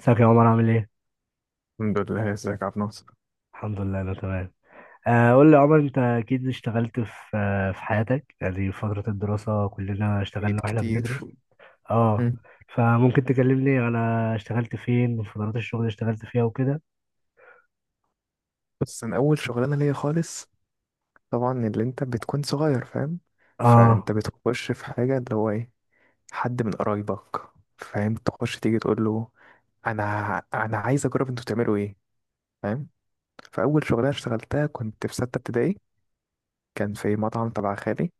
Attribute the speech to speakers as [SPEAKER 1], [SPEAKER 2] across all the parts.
[SPEAKER 1] ازيك يا عمر؟ عامل ايه؟
[SPEAKER 2] الحمد لله، ازيك يا عبد الناصر؟
[SPEAKER 1] الحمد لله انا تمام. قول لي يا عمر، انت اكيد اشتغلت في في حياتك، يعني في فترة الدراسة كلنا
[SPEAKER 2] اكيد
[SPEAKER 1] اشتغلنا واحنا
[SPEAKER 2] كتير.
[SPEAKER 1] بندرس. اه.
[SPEAKER 2] مم.
[SPEAKER 1] فممكن تكلمني انا اشتغلت فين وفترات الشغل اللي اشتغلت فيها وكده.
[SPEAKER 2] بس انا اول شغلانه ليا خالص. طبعا، اللي انت بتكون صغير فاهم.
[SPEAKER 1] اه.
[SPEAKER 2] فانت بتخش في حاجه اللي هو ايه، حد من قرايبك، فاهم، تخش تيجي تقول له، انا انا عايز اجرب. انتوا بتعملوا ايه؟ فاهم. فاول شغلانه اشتغلتها كنت في سته ابتدائي. كان في مطعم تبع خالي.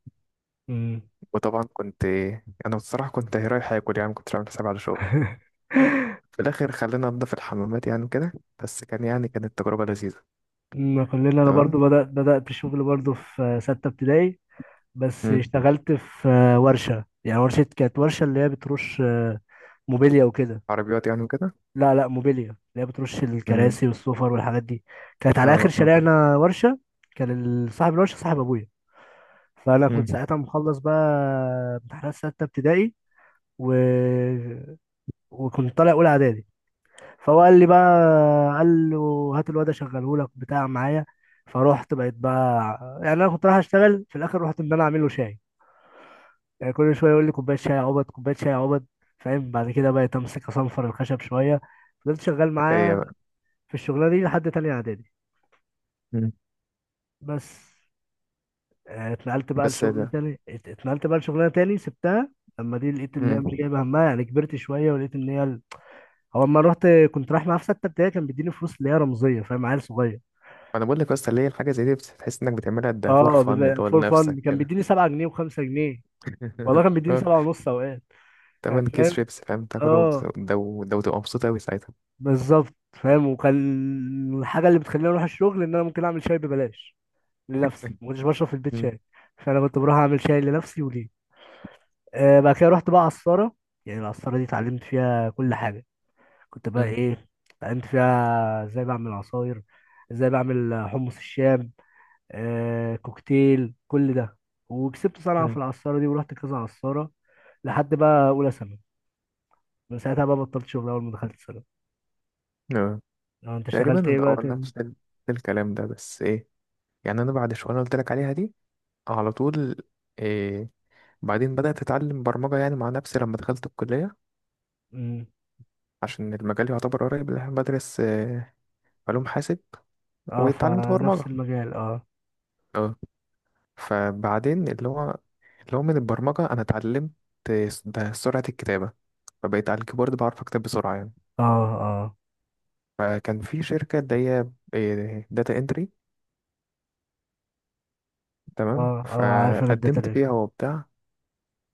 [SPEAKER 1] امم.
[SPEAKER 2] وطبعا كنت، انا الصراحه كنت رايح اكل يعني ما كنتش عامل حسابي على شغل. في الاخر خلينا ننضف الحمامات يعني كده. بس كان، يعني كانت تجربه لذيذه.
[SPEAKER 1] ما كلنا، انا
[SPEAKER 2] تمام.
[SPEAKER 1] برضو بدأت الشغل برضو في ستة ابتدائي. بس
[SPEAKER 2] مم.
[SPEAKER 1] اشتغلت في ورشة، يعني ورشة، كانت ورشة اللي هي بترش موبيليا وكده.
[SPEAKER 2] عربيات يعني وكده.
[SPEAKER 1] لا لا، موبيليا اللي هي بترش
[SPEAKER 2] امم.
[SPEAKER 1] الكراسي والسفر والحاجات دي. كانت على اخر
[SPEAKER 2] اه، اه.
[SPEAKER 1] شارعنا ورشه. كان صاحب الورشه صاحب ابويا، فانا كنت
[SPEAKER 2] امم.
[SPEAKER 1] ساعتها مخلص بقى امتحانات سته ابتدائي و... وكنت طالع اولى اعدادي. فهو قال لي بقى، قال له هات الواد اشغله لك بتاع معايا. فروحت بقيت بقى، يعني انا كنت رايح اشتغل، في الاخر رحت ان انا اعمل له شاي. يعني كل شويه يقول لي كوبايه شاي يا عبد، كوبايه شاي يا عبد. فاهم؟ بعد كده بقيت امسك اصنفر الخشب شويه. فضلت شغال
[SPEAKER 2] ايه
[SPEAKER 1] معاه
[SPEAKER 2] بقى؟
[SPEAKER 1] في الشغلانه دي لحد تانية اعدادي.
[SPEAKER 2] امم.
[SPEAKER 1] بس اتنقلت بقى
[SPEAKER 2] بس إيه
[SPEAKER 1] لشغل
[SPEAKER 2] ده؟
[SPEAKER 1] تاني، اتنقلت بقى لشغلانه تاني، سبتها اما دي لقيت ان هي مش
[SPEAKER 2] امم.
[SPEAKER 1] جايبه همها، يعني كبرت شويه ولقيت ان هي هو اما رحت، كنت رايح معاه في سته ابتدائي كان بيديني فلوس اللي هي رمزيه، فاهم؟ عيل صغير.
[SPEAKER 2] انا بقول لك، اصل ليه الحاجه زي دي بتحس انك بتعملها ده فور
[SPEAKER 1] اه،
[SPEAKER 2] فن اللي
[SPEAKER 1] بيبقى
[SPEAKER 2] هو
[SPEAKER 1] فور
[SPEAKER 2] لنفسك
[SPEAKER 1] فن. كان
[SPEAKER 2] كده.
[SPEAKER 1] بيديني 7 جنيه و5 جنيه، والله كان بيديني
[SPEAKER 2] اه.
[SPEAKER 1] 7 ونص اوقات. يعني
[SPEAKER 2] تمن كيس
[SPEAKER 1] فاهم؟
[SPEAKER 2] شيبس فاهم تاكله
[SPEAKER 1] اه
[SPEAKER 2] ده وده وتبقى مبسوط قوي ساعتها.
[SPEAKER 1] بالظبط. فاهم؟ وكان الحاجه اللي بتخليني اروح الشغل ان انا ممكن اعمل شاي ببلاش لنفسي. ما كنتش بشرب في البيت
[SPEAKER 2] امم.
[SPEAKER 1] شاي، فانا كنت بروح اعمل شاي لنفسي وليه. بعد كده رحت بقى عصارة. يعني العصارة دي اتعلمت فيها كل حاجة. كنت بقى
[SPEAKER 2] امم.
[SPEAKER 1] ايه، اتعلمت فيها ازاي بعمل عصاير، ازاي بعمل حمص الشام، آه كوكتيل كل ده. وكسبت صنعة في
[SPEAKER 2] امم.
[SPEAKER 1] العصارة دي ورحت كذا عصارة لحد بقى أولى ثانوي. من ساعتها بقى بطلت شغل، أول ما دخلت ثانوي.
[SPEAKER 2] اه.
[SPEAKER 1] اه انت
[SPEAKER 2] تقريبا
[SPEAKER 1] اشتغلت ايه
[SPEAKER 2] انا
[SPEAKER 1] بقى تاني؟
[SPEAKER 2] نفس الكلام ده، بس ايه، يعني انا بعد شويه قلت لك عليها دي، على طول. إيه، بعدين بدأت أتعلم برمجة يعني مع نفسي لما دخلت الكلية.
[SPEAKER 1] مم.
[SPEAKER 2] عشان المجال يعتبر قريب اللي احنا بدرس، علوم حاسب.
[SPEAKER 1] اه
[SPEAKER 2] واتعلمت برمجة.
[SPEAKER 1] فنفس المجال اه
[SPEAKER 2] اه. فبعدين اللي هو من البرمجة أنا اتعلمت ده سرعة الكتابة. فبقيت على الكيبورد بعرف أكتب بسرعة يعني.
[SPEAKER 1] اه. اه.
[SPEAKER 2] فكان في شركة اللي هي داتا انتري. تمام،
[SPEAKER 1] اه. اه، عارف، انا
[SPEAKER 2] فقدمت
[SPEAKER 1] الداتا.
[SPEAKER 2] فيها وبتاع.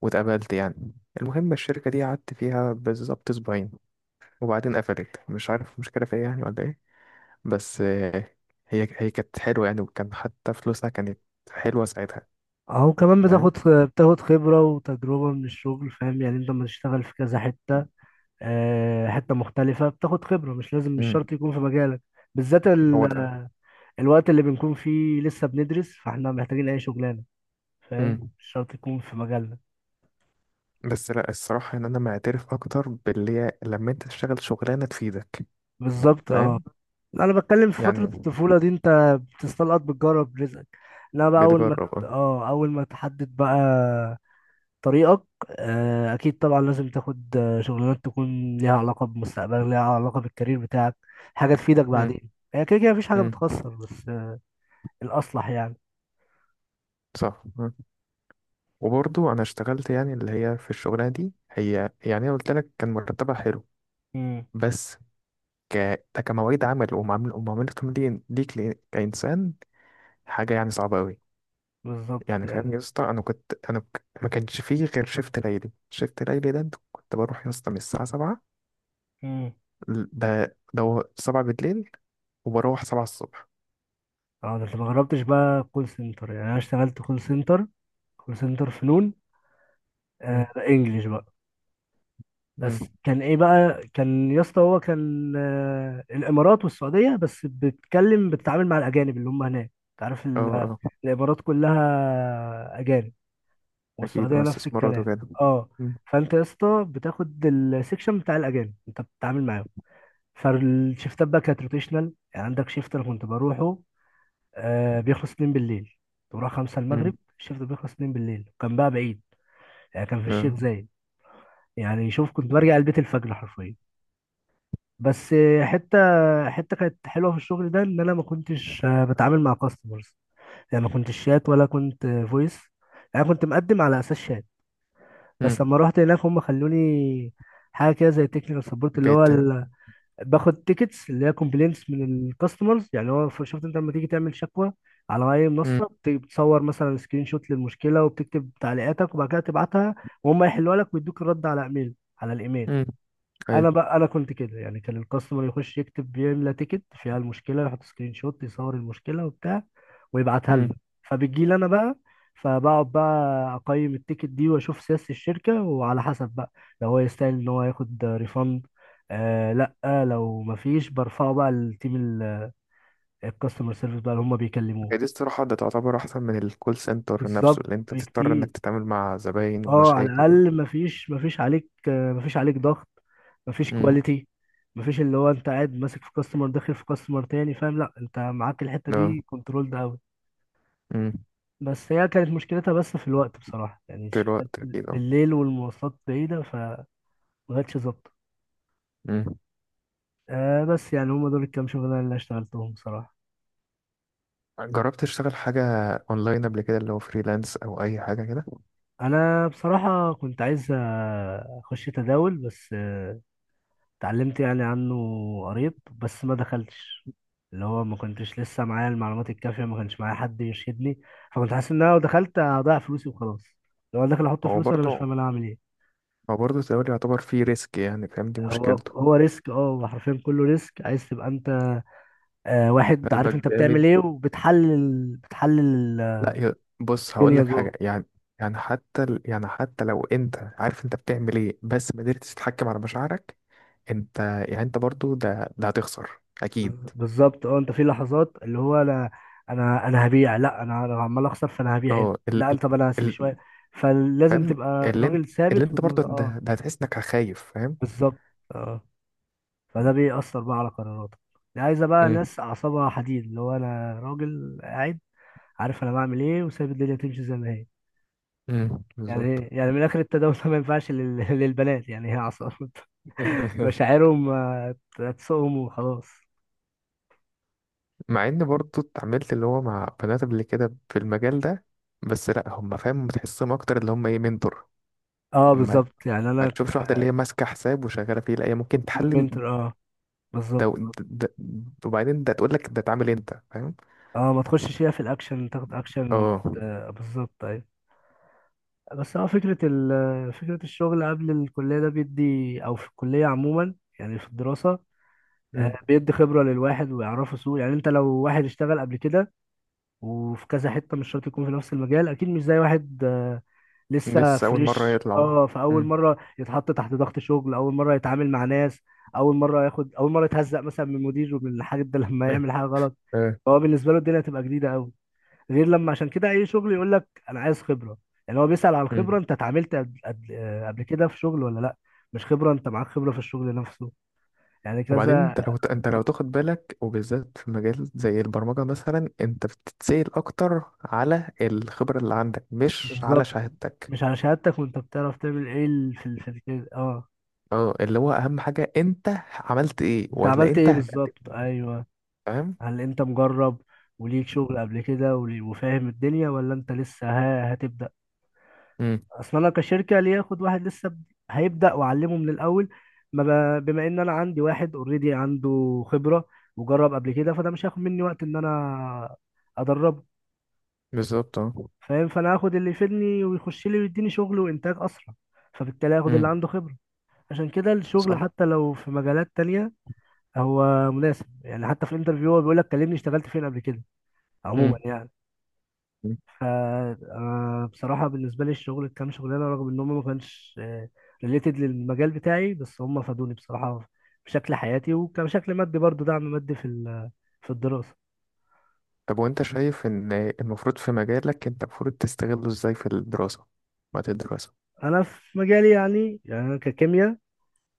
[SPEAKER 2] واتقبلت يعني. المهم، الشركة دي قعدت فيها بالظبط أسبوعين. وبعدين قفلت، مش عارف مشكلة فيا يعني ولا إيه. بس هي كانت حلوة يعني، وكان حتى فلوسها كانت حلوة ساعتها.
[SPEAKER 1] اهو كمان
[SPEAKER 2] فاهم.
[SPEAKER 1] بتاخد خبرة وتجربة من الشغل. فاهم؟ يعني انت لما تشتغل في كذا حتة، حتة مختلفة، بتاخد خبرة، مش لازم، مش
[SPEAKER 2] امم.
[SPEAKER 1] شرط يكون في مجالك. بالذات
[SPEAKER 2] هو ده.
[SPEAKER 1] الوقت اللي بنكون فيه لسه بندرس، فاحنا محتاجين اي شغلانة، فاهم؟
[SPEAKER 2] امم.
[SPEAKER 1] مش شرط يكون في مجالنا.
[SPEAKER 2] بس لا، الصراحة ان انا معترف اكتر باللي هي لما انت تشتغل شغلانة تفيدك.
[SPEAKER 1] بالظبط اه.
[SPEAKER 2] فاهم.
[SPEAKER 1] انا بتكلم في فترة
[SPEAKER 2] يعني،
[SPEAKER 1] الطفولة دي، انت بتستلقط، بتجرب رزقك. لا بقى،
[SPEAKER 2] بتجرب اه.
[SPEAKER 1] اول ما تحدد بقى طريقك، اكيد طبعا لازم تاخد شغلانات تكون ليها علاقه بمستقبلك، ليها علاقه بالكارير بتاعك، حاجه تفيدك
[SPEAKER 2] مم،
[SPEAKER 1] بعدين. هي كده كده مفيش حاجه
[SPEAKER 2] مم،
[SPEAKER 1] بتخسر، بس الاصلح يعني.
[SPEAKER 2] صح. مم. وبرضو انا اشتغلت يعني اللي هي في الشغلانة دي هي، يعني انا قلت لك كان مرتبها حلو.
[SPEAKER 1] امم
[SPEAKER 2] بس، ك ده كمواعيد عمل ومعاملتهم ليك كإنسان، حاجة يعني صعبة قوي.
[SPEAKER 1] بالظبط
[SPEAKER 2] يعني فاهم
[SPEAKER 1] يعني.
[SPEAKER 2] يا اسطى، انا كنت ما كانش فيه غير شيفت ليلي شيفت ليلي ده كنت بروح يا اسطى من الساعة 7.
[SPEAKER 1] امم.
[SPEAKER 2] ده 7 بالليل، وبروح سبعة الصبح.
[SPEAKER 1] اه ده انت ما جربتش بقى كول سنتر؟ يعني انا اشتغلت كول سنتر، كول سنتر فنون،
[SPEAKER 2] مم.
[SPEAKER 1] آه انجلش بقى.
[SPEAKER 2] مم.
[SPEAKER 1] بس كان ايه بقى، كان يا اسطى هو كان آه الامارات والسعوديه بس، بتتكلم بتتعامل مع الاجانب اللي هم هناك. انت عارف
[SPEAKER 2] اه، اه.
[SPEAKER 1] الامارات كلها اجانب،
[SPEAKER 2] أكيد،
[SPEAKER 1] والسعودية
[SPEAKER 2] اه
[SPEAKER 1] نفس
[SPEAKER 2] استثمارات
[SPEAKER 1] الكلام.
[SPEAKER 2] وكده.
[SPEAKER 1] اه.
[SPEAKER 2] مم.
[SPEAKER 1] فانت يا اسطى بتاخد السكشن بتاع الاجانب، انت بتتعامل معاهم. فالشيفتات بقى كانت روتيشنال، يعني عندك شيفت انا كنت بروحه آه بيخلص 2 بالليل، كنت بروح 5 المغرب،
[SPEAKER 2] مم.
[SPEAKER 1] الشيفت بيخلص 2 بالليل. كان بقى بعيد، يعني كان في
[SPEAKER 2] اه.
[SPEAKER 1] الشيخ زايد. يعني شوف، كنت برجع البيت الفجر حرفيا. بس حته كانت حلوه في الشغل ده، ان انا ما كنتش بتعامل مع كاستمرز. يعني ما كنتش شات ولا كنت فويس، يعني كنت مقدم على اساس شات، بس
[SPEAKER 2] مم.
[SPEAKER 1] لما رحت هناك هم خلوني حاجه كده زي تكنيكال سبورت اللي هو
[SPEAKER 2] بيت.
[SPEAKER 1] باخد تيكتس اللي هي كومبلينتس من الكاستمرز. يعني هو شفت انت لما تيجي تعمل شكوى على اي
[SPEAKER 2] مم.
[SPEAKER 1] منصه، بتصور مثلا سكرين شوت للمشكله، وبتكتب تعليقاتك، وبعد كده تبعتها وهم يحلوها لك ويدوك الرد على ايميل، على الايميل.
[SPEAKER 2] مم. أيوة.
[SPEAKER 1] انا بقى، انا كنت كده يعني، كان الكاستمر يخش يكتب، بيملى تيكت فيها المشكله، يحط سكرين شوت يصور المشكله وبتاع، ويبعتها
[SPEAKER 2] مم.
[SPEAKER 1] لنا. فبتجي لي انا بقى، فبقعد بقى اقيم التيكت دي واشوف سياسه الشركه، وعلى حسب بقى، لو هو يستاهل ان هو ياخد ريفند آه، لا لو مفيش برفعه بقى للتيم، الكاستمر سيرفيس بقى، اللي هم
[SPEAKER 2] هي
[SPEAKER 1] بيكلموه.
[SPEAKER 2] دي الصراحة، ده تعتبر أحسن من الكول سنتر نفسه
[SPEAKER 1] بالظبط،
[SPEAKER 2] اللي أنت تضطر
[SPEAKER 1] بكتير.
[SPEAKER 2] إنك تتعامل مع زباين
[SPEAKER 1] اه، على
[SPEAKER 2] ومشاكل.
[SPEAKER 1] الاقل مفيش، مفيش عليك آه، مفيش عليك ضغط، مفيش
[SPEAKER 2] مم.
[SPEAKER 1] كواليتي، مفيش اللي هو انت قاعد ماسك في كاستمر داخل في كاستمر تاني، فاهم؟ لا انت معاك الحته
[SPEAKER 2] اه.
[SPEAKER 1] دي كنترول ده قوي.
[SPEAKER 2] مم.
[SPEAKER 1] بس هي كانت مشكلتها بس في الوقت بصراحه، يعني
[SPEAKER 2] في
[SPEAKER 1] الشفتات
[SPEAKER 2] الوقت أكيد اه.
[SPEAKER 1] بالليل والمواصلات بعيده فمبقتش ظابطه.
[SPEAKER 2] مم.
[SPEAKER 1] بس يعني هما دول الكام شغلانه اللي اشتغلتهم بصراحه.
[SPEAKER 2] جربت تشتغل حاجة أونلاين قبل كده، اللي هو فريلانس أو أي حاجة كده؟
[SPEAKER 1] انا بصراحه كنت عايز اخش تداول، بس اتعلمت يعني عنه قريب، بس ما دخلتش. اللي هو ما كنتش لسه معايا المعلومات الكافية، ما كانش معايا حد يرشدني، فكنت حاسس ان انا لو دخلت هضيع فلوسي وخلاص. لو انا داخل احط
[SPEAKER 2] هو
[SPEAKER 1] فلوس وانا مش
[SPEAKER 2] برضه
[SPEAKER 1] فاهم انا هعمل ايه.
[SPEAKER 2] هو برضه التداول يعتبر فيه ريسك يعني، فاهم دي
[SPEAKER 1] هو
[SPEAKER 2] مشكلته.
[SPEAKER 1] هو ريسك اه، هو حرفيا كله ريسك. عايز تبقى انت واحد عارف
[SPEAKER 2] قلبك
[SPEAKER 1] انت بتعمل
[SPEAKER 2] جامد.
[SPEAKER 1] ايه، وبتحلل بتحلل
[SPEAKER 2] لا، بص هقول
[SPEAKER 1] الدنيا
[SPEAKER 2] لك
[SPEAKER 1] جوه.
[SPEAKER 2] حاجه، يعني يعني حتى لو انت عارف انت بتعمل ايه بس ما قدرتش تتحكم على مشاعرك، انت يعني انت برضو ده هتخسر اكيد.
[SPEAKER 1] بالظبط اه. انت في لحظات اللي هو انا، انا هبيع، لا انا عمال اخسر فانا هبيع هنا.
[SPEAKER 2] اه
[SPEAKER 1] لا طب انا هسيب
[SPEAKER 2] ال
[SPEAKER 1] شويه. فلازم
[SPEAKER 2] فاهم.
[SPEAKER 1] تبقى
[SPEAKER 2] اللي انت
[SPEAKER 1] راجل
[SPEAKER 2] اللي
[SPEAKER 1] ثابت
[SPEAKER 2] انت برضو
[SPEAKER 1] ودماغ اه
[SPEAKER 2] ده هتحس انك خايف، فاهم.
[SPEAKER 1] بالظبط اه. فده بيأثر بقى على قراراتك. دي عايزة بقى
[SPEAKER 2] امم.
[SPEAKER 1] ناس أعصابها حديد، اللي هو أنا راجل قاعد عارف أنا بعمل إيه، وسايب الدنيا تمشي زي ما هي.
[SPEAKER 2] امم،
[SPEAKER 1] يعني
[SPEAKER 2] بالظبط.
[SPEAKER 1] يعني من آخر التداول ده، ما ينفعش للبنات. يعني هي أعصاب، مشاعرهم هتسوقهم وخلاص.
[SPEAKER 2] مع ان برضو اتعاملت اللي هو مع بنات قبل كده في المجال ده. بس لا، هم فاهم بتحسهم اكتر اللي هم ايه، منتور.
[SPEAKER 1] اه
[SPEAKER 2] ما
[SPEAKER 1] بالظبط، يعني
[SPEAKER 2] ما
[SPEAKER 1] أنا
[SPEAKER 2] تشوفش واحده اللي هي ماسكه حساب وشغاله فيه، لا هي ممكن تحلل.
[SPEAKER 1] منتور اه
[SPEAKER 2] ده,
[SPEAKER 1] بالظبط
[SPEAKER 2] ده وبعدين ده تقول لك ده اتعمل انت، فاهم.
[SPEAKER 1] اه. ما تخشش فيها في الأكشن، تاخد أكشن
[SPEAKER 2] اه.
[SPEAKER 1] بالظبط أيوة. بس هو فكرة فكرة الشغل قبل الكلية ده بيدي، أو في الكلية عموما، يعني في الدراسة
[SPEAKER 2] مم.
[SPEAKER 1] بيدي خبرة للواحد ويعرفه سوق. يعني انت لو واحد اشتغل قبل كده وفي كذا حتة، مش شرط يكون في نفس المجال، اكيد مش زي واحد لسه
[SPEAKER 2] لسه اول مره
[SPEAKER 1] فريش
[SPEAKER 2] يطلع.
[SPEAKER 1] اه. فاول
[SPEAKER 2] مم.
[SPEAKER 1] مرة يتحط تحت ضغط شغل، اول مرة يتعامل مع ناس، اول مرة ياخد، اول مرة يتهزق مثلا من مديره، من الحاجات ده لما يعمل حاجة غلط.
[SPEAKER 2] اه.
[SPEAKER 1] فهو بالنسبة له الدنيا تبقى جديدة قوي، غير لما، عشان كده اي شغل يقول لك انا عايز خبرة. يعني هو بيسأل على
[SPEAKER 2] مم.
[SPEAKER 1] الخبرة، انت اتعاملت قبل كده في شغل ولا لا. مش خبرة انت معاك خبرة في الشغل نفسه، يعني
[SPEAKER 2] وبعدين
[SPEAKER 1] كذا.
[SPEAKER 2] انت لو تاخد بالك، وبالذات في مجال زي البرمجه مثلا انت بتتسأل اكتر على الخبره اللي عندك مش على
[SPEAKER 1] بالظبط
[SPEAKER 2] شهادتك.
[SPEAKER 1] مش على شهادتك، وانت بتعرف تعمل ايه في كده اه.
[SPEAKER 2] اه، اللي هو اهم حاجه انت عملت ايه،
[SPEAKER 1] انت
[SPEAKER 2] ولا
[SPEAKER 1] عملت
[SPEAKER 2] انت
[SPEAKER 1] ايه،
[SPEAKER 2] هتقدم.
[SPEAKER 1] بالظبط ايوه.
[SPEAKER 2] فاهم.
[SPEAKER 1] هل انت مجرب وليك شغل قبل كده وفاهم الدنيا، ولا انت لسه ها هتبدأ.
[SPEAKER 2] امم،
[SPEAKER 1] اصلا انا كشركة، ليه اخد واحد لسه هيبدأ واعلمه من الاول؟ ما ب- بما ان انا عندي واحد اوريدي عنده خبرة وجرب قبل كده، فده مش هياخد مني وقت ان انا ادربه.
[SPEAKER 2] بالظبط اه.
[SPEAKER 1] فاهم؟ فانا هاخد اللي يفيدني ويخش لي ويديني شغل وانتاج اسرع، فبالتالي هاخد اللي
[SPEAKER 2] امم.
[SPEAKER 1] عنده خبرة. عشان كده الشغل
[SPEAKER 2] صح.
[SPEAKER 1] حتى لو في مجالات تانية هو مناسب. يعني حتى في الانترفيو هو بيقول لك كلمني اشتغلت فين قبل كده، عموما
[SPEAKER 2] امم.
[SPEAKER 1] يعني. ف بصراحة بالنسبة لي الشغل كام شغلانة، رغم ان هم ما كانش ريليتد للمجال بتاعي، بس هم فادوني بصراحة في شكل حياتي، وكشكل مادي برضو، دعم مادي في في الدراسة.
[SPEAKER 2] طب، وانت شايف ان المفروض في مجالك انت المفروض تستغله ازاي في الدراسة، وقت الدراسة؟
[SPEAKER 1] انا في مجالي يعني، يعني انا ككيمياء،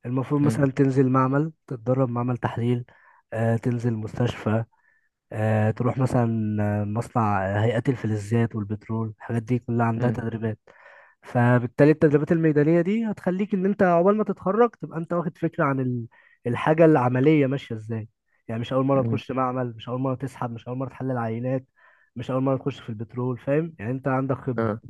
[SPEAKER 1] المفروض
[SPEAKER 2] مم.
[SPEAKER 1] مثلا تنزل معمل، تتدرب معمل تحليل، تنزل مستشفى، تروح مثلا مصنع، هيئة الفلزات والبترول، الحاجات دي كلها عندها
[SPEAKER 2] مم.
[SPEAKER 1] تدريبات. فبالتالي التدريبات الميدانية دي هتخليك إن أنت عقبال ما تتخرج تبقى أنت واخد فكرة عن الحاجة العملية ماشية إزاي. يعني مش أول مرة
[SPEAKER 2] مم.
[SPEAKER 1] تخش معمل، مش أول مرة تسحب، مش أول مرة تحلل عينات، مش أول مرة تخش في البترول، فاهم؟ يعني أنت عندك خبرة
[SPEAKER 2] اه.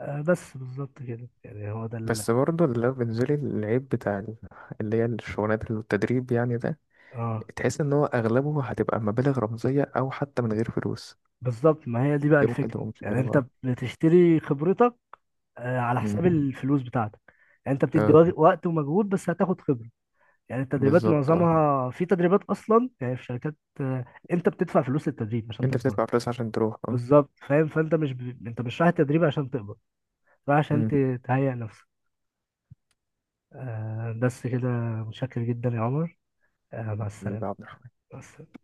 [SPEAKER 1] بس بالظبط كده. يعني هو ده
[SPEAKER 2] بس برضه اللي هو بالنسبة لي العيب بتاع اللي هي الشغلانات اللي التدريب يعني ده،
[SPEAKER 1] آه
[SPEAKER 2] تحس ان هو اغلبه هتبقى مبالغ رمزية او حتى من غير فلوس.
[SPEAKER 1] بالظبط. ما هي دي بقى
[SPEAKER 2] دي ممكن
[SPEAKER 1] الفكرة،
[SPEAKER 2] تبقى
[SPEAKER 1] يعني
[SPEAKER 2] مشكلة
[SPEAKER 1] أنت
[SPEAKER 2] بقى.
[SPEAKER 1] بتشتري خبرتك على
[SPEAKER 2] مم.
[SPEAKER 1] حساب الفلوس بتاعتك. يعني انت
[SPEAKER 2] اه،
[SPEAKER 1] بتدي
[SPEAKER 2] اه،
[SPEAKER 1] وقت ومجهود، بس هتاخد خبرة. يعني التدريبات،
[SPEAKER 2] بالظبط اه.
[SPEAKER 1] معظمها في تدريبات اصلا، يعني في شركات انت بتدفع فلوس للتدريب عشان
[SPEAKER 2] انت
[SPEAKER 1] تتدرب.
[SPEAKER 2] بتدفع فلوس عشان تروح اه.
[SPEAKER 1] بالظبط فاهم. فانت مش انت مش رايح التدريب عشان تقبض، رايح عشان تهيئ نفسك بس كده. متشكر جدا يا عمر، مع
[SPEAKER 2] مم.
[SPEAKER 1] السلامة. مع السلامة.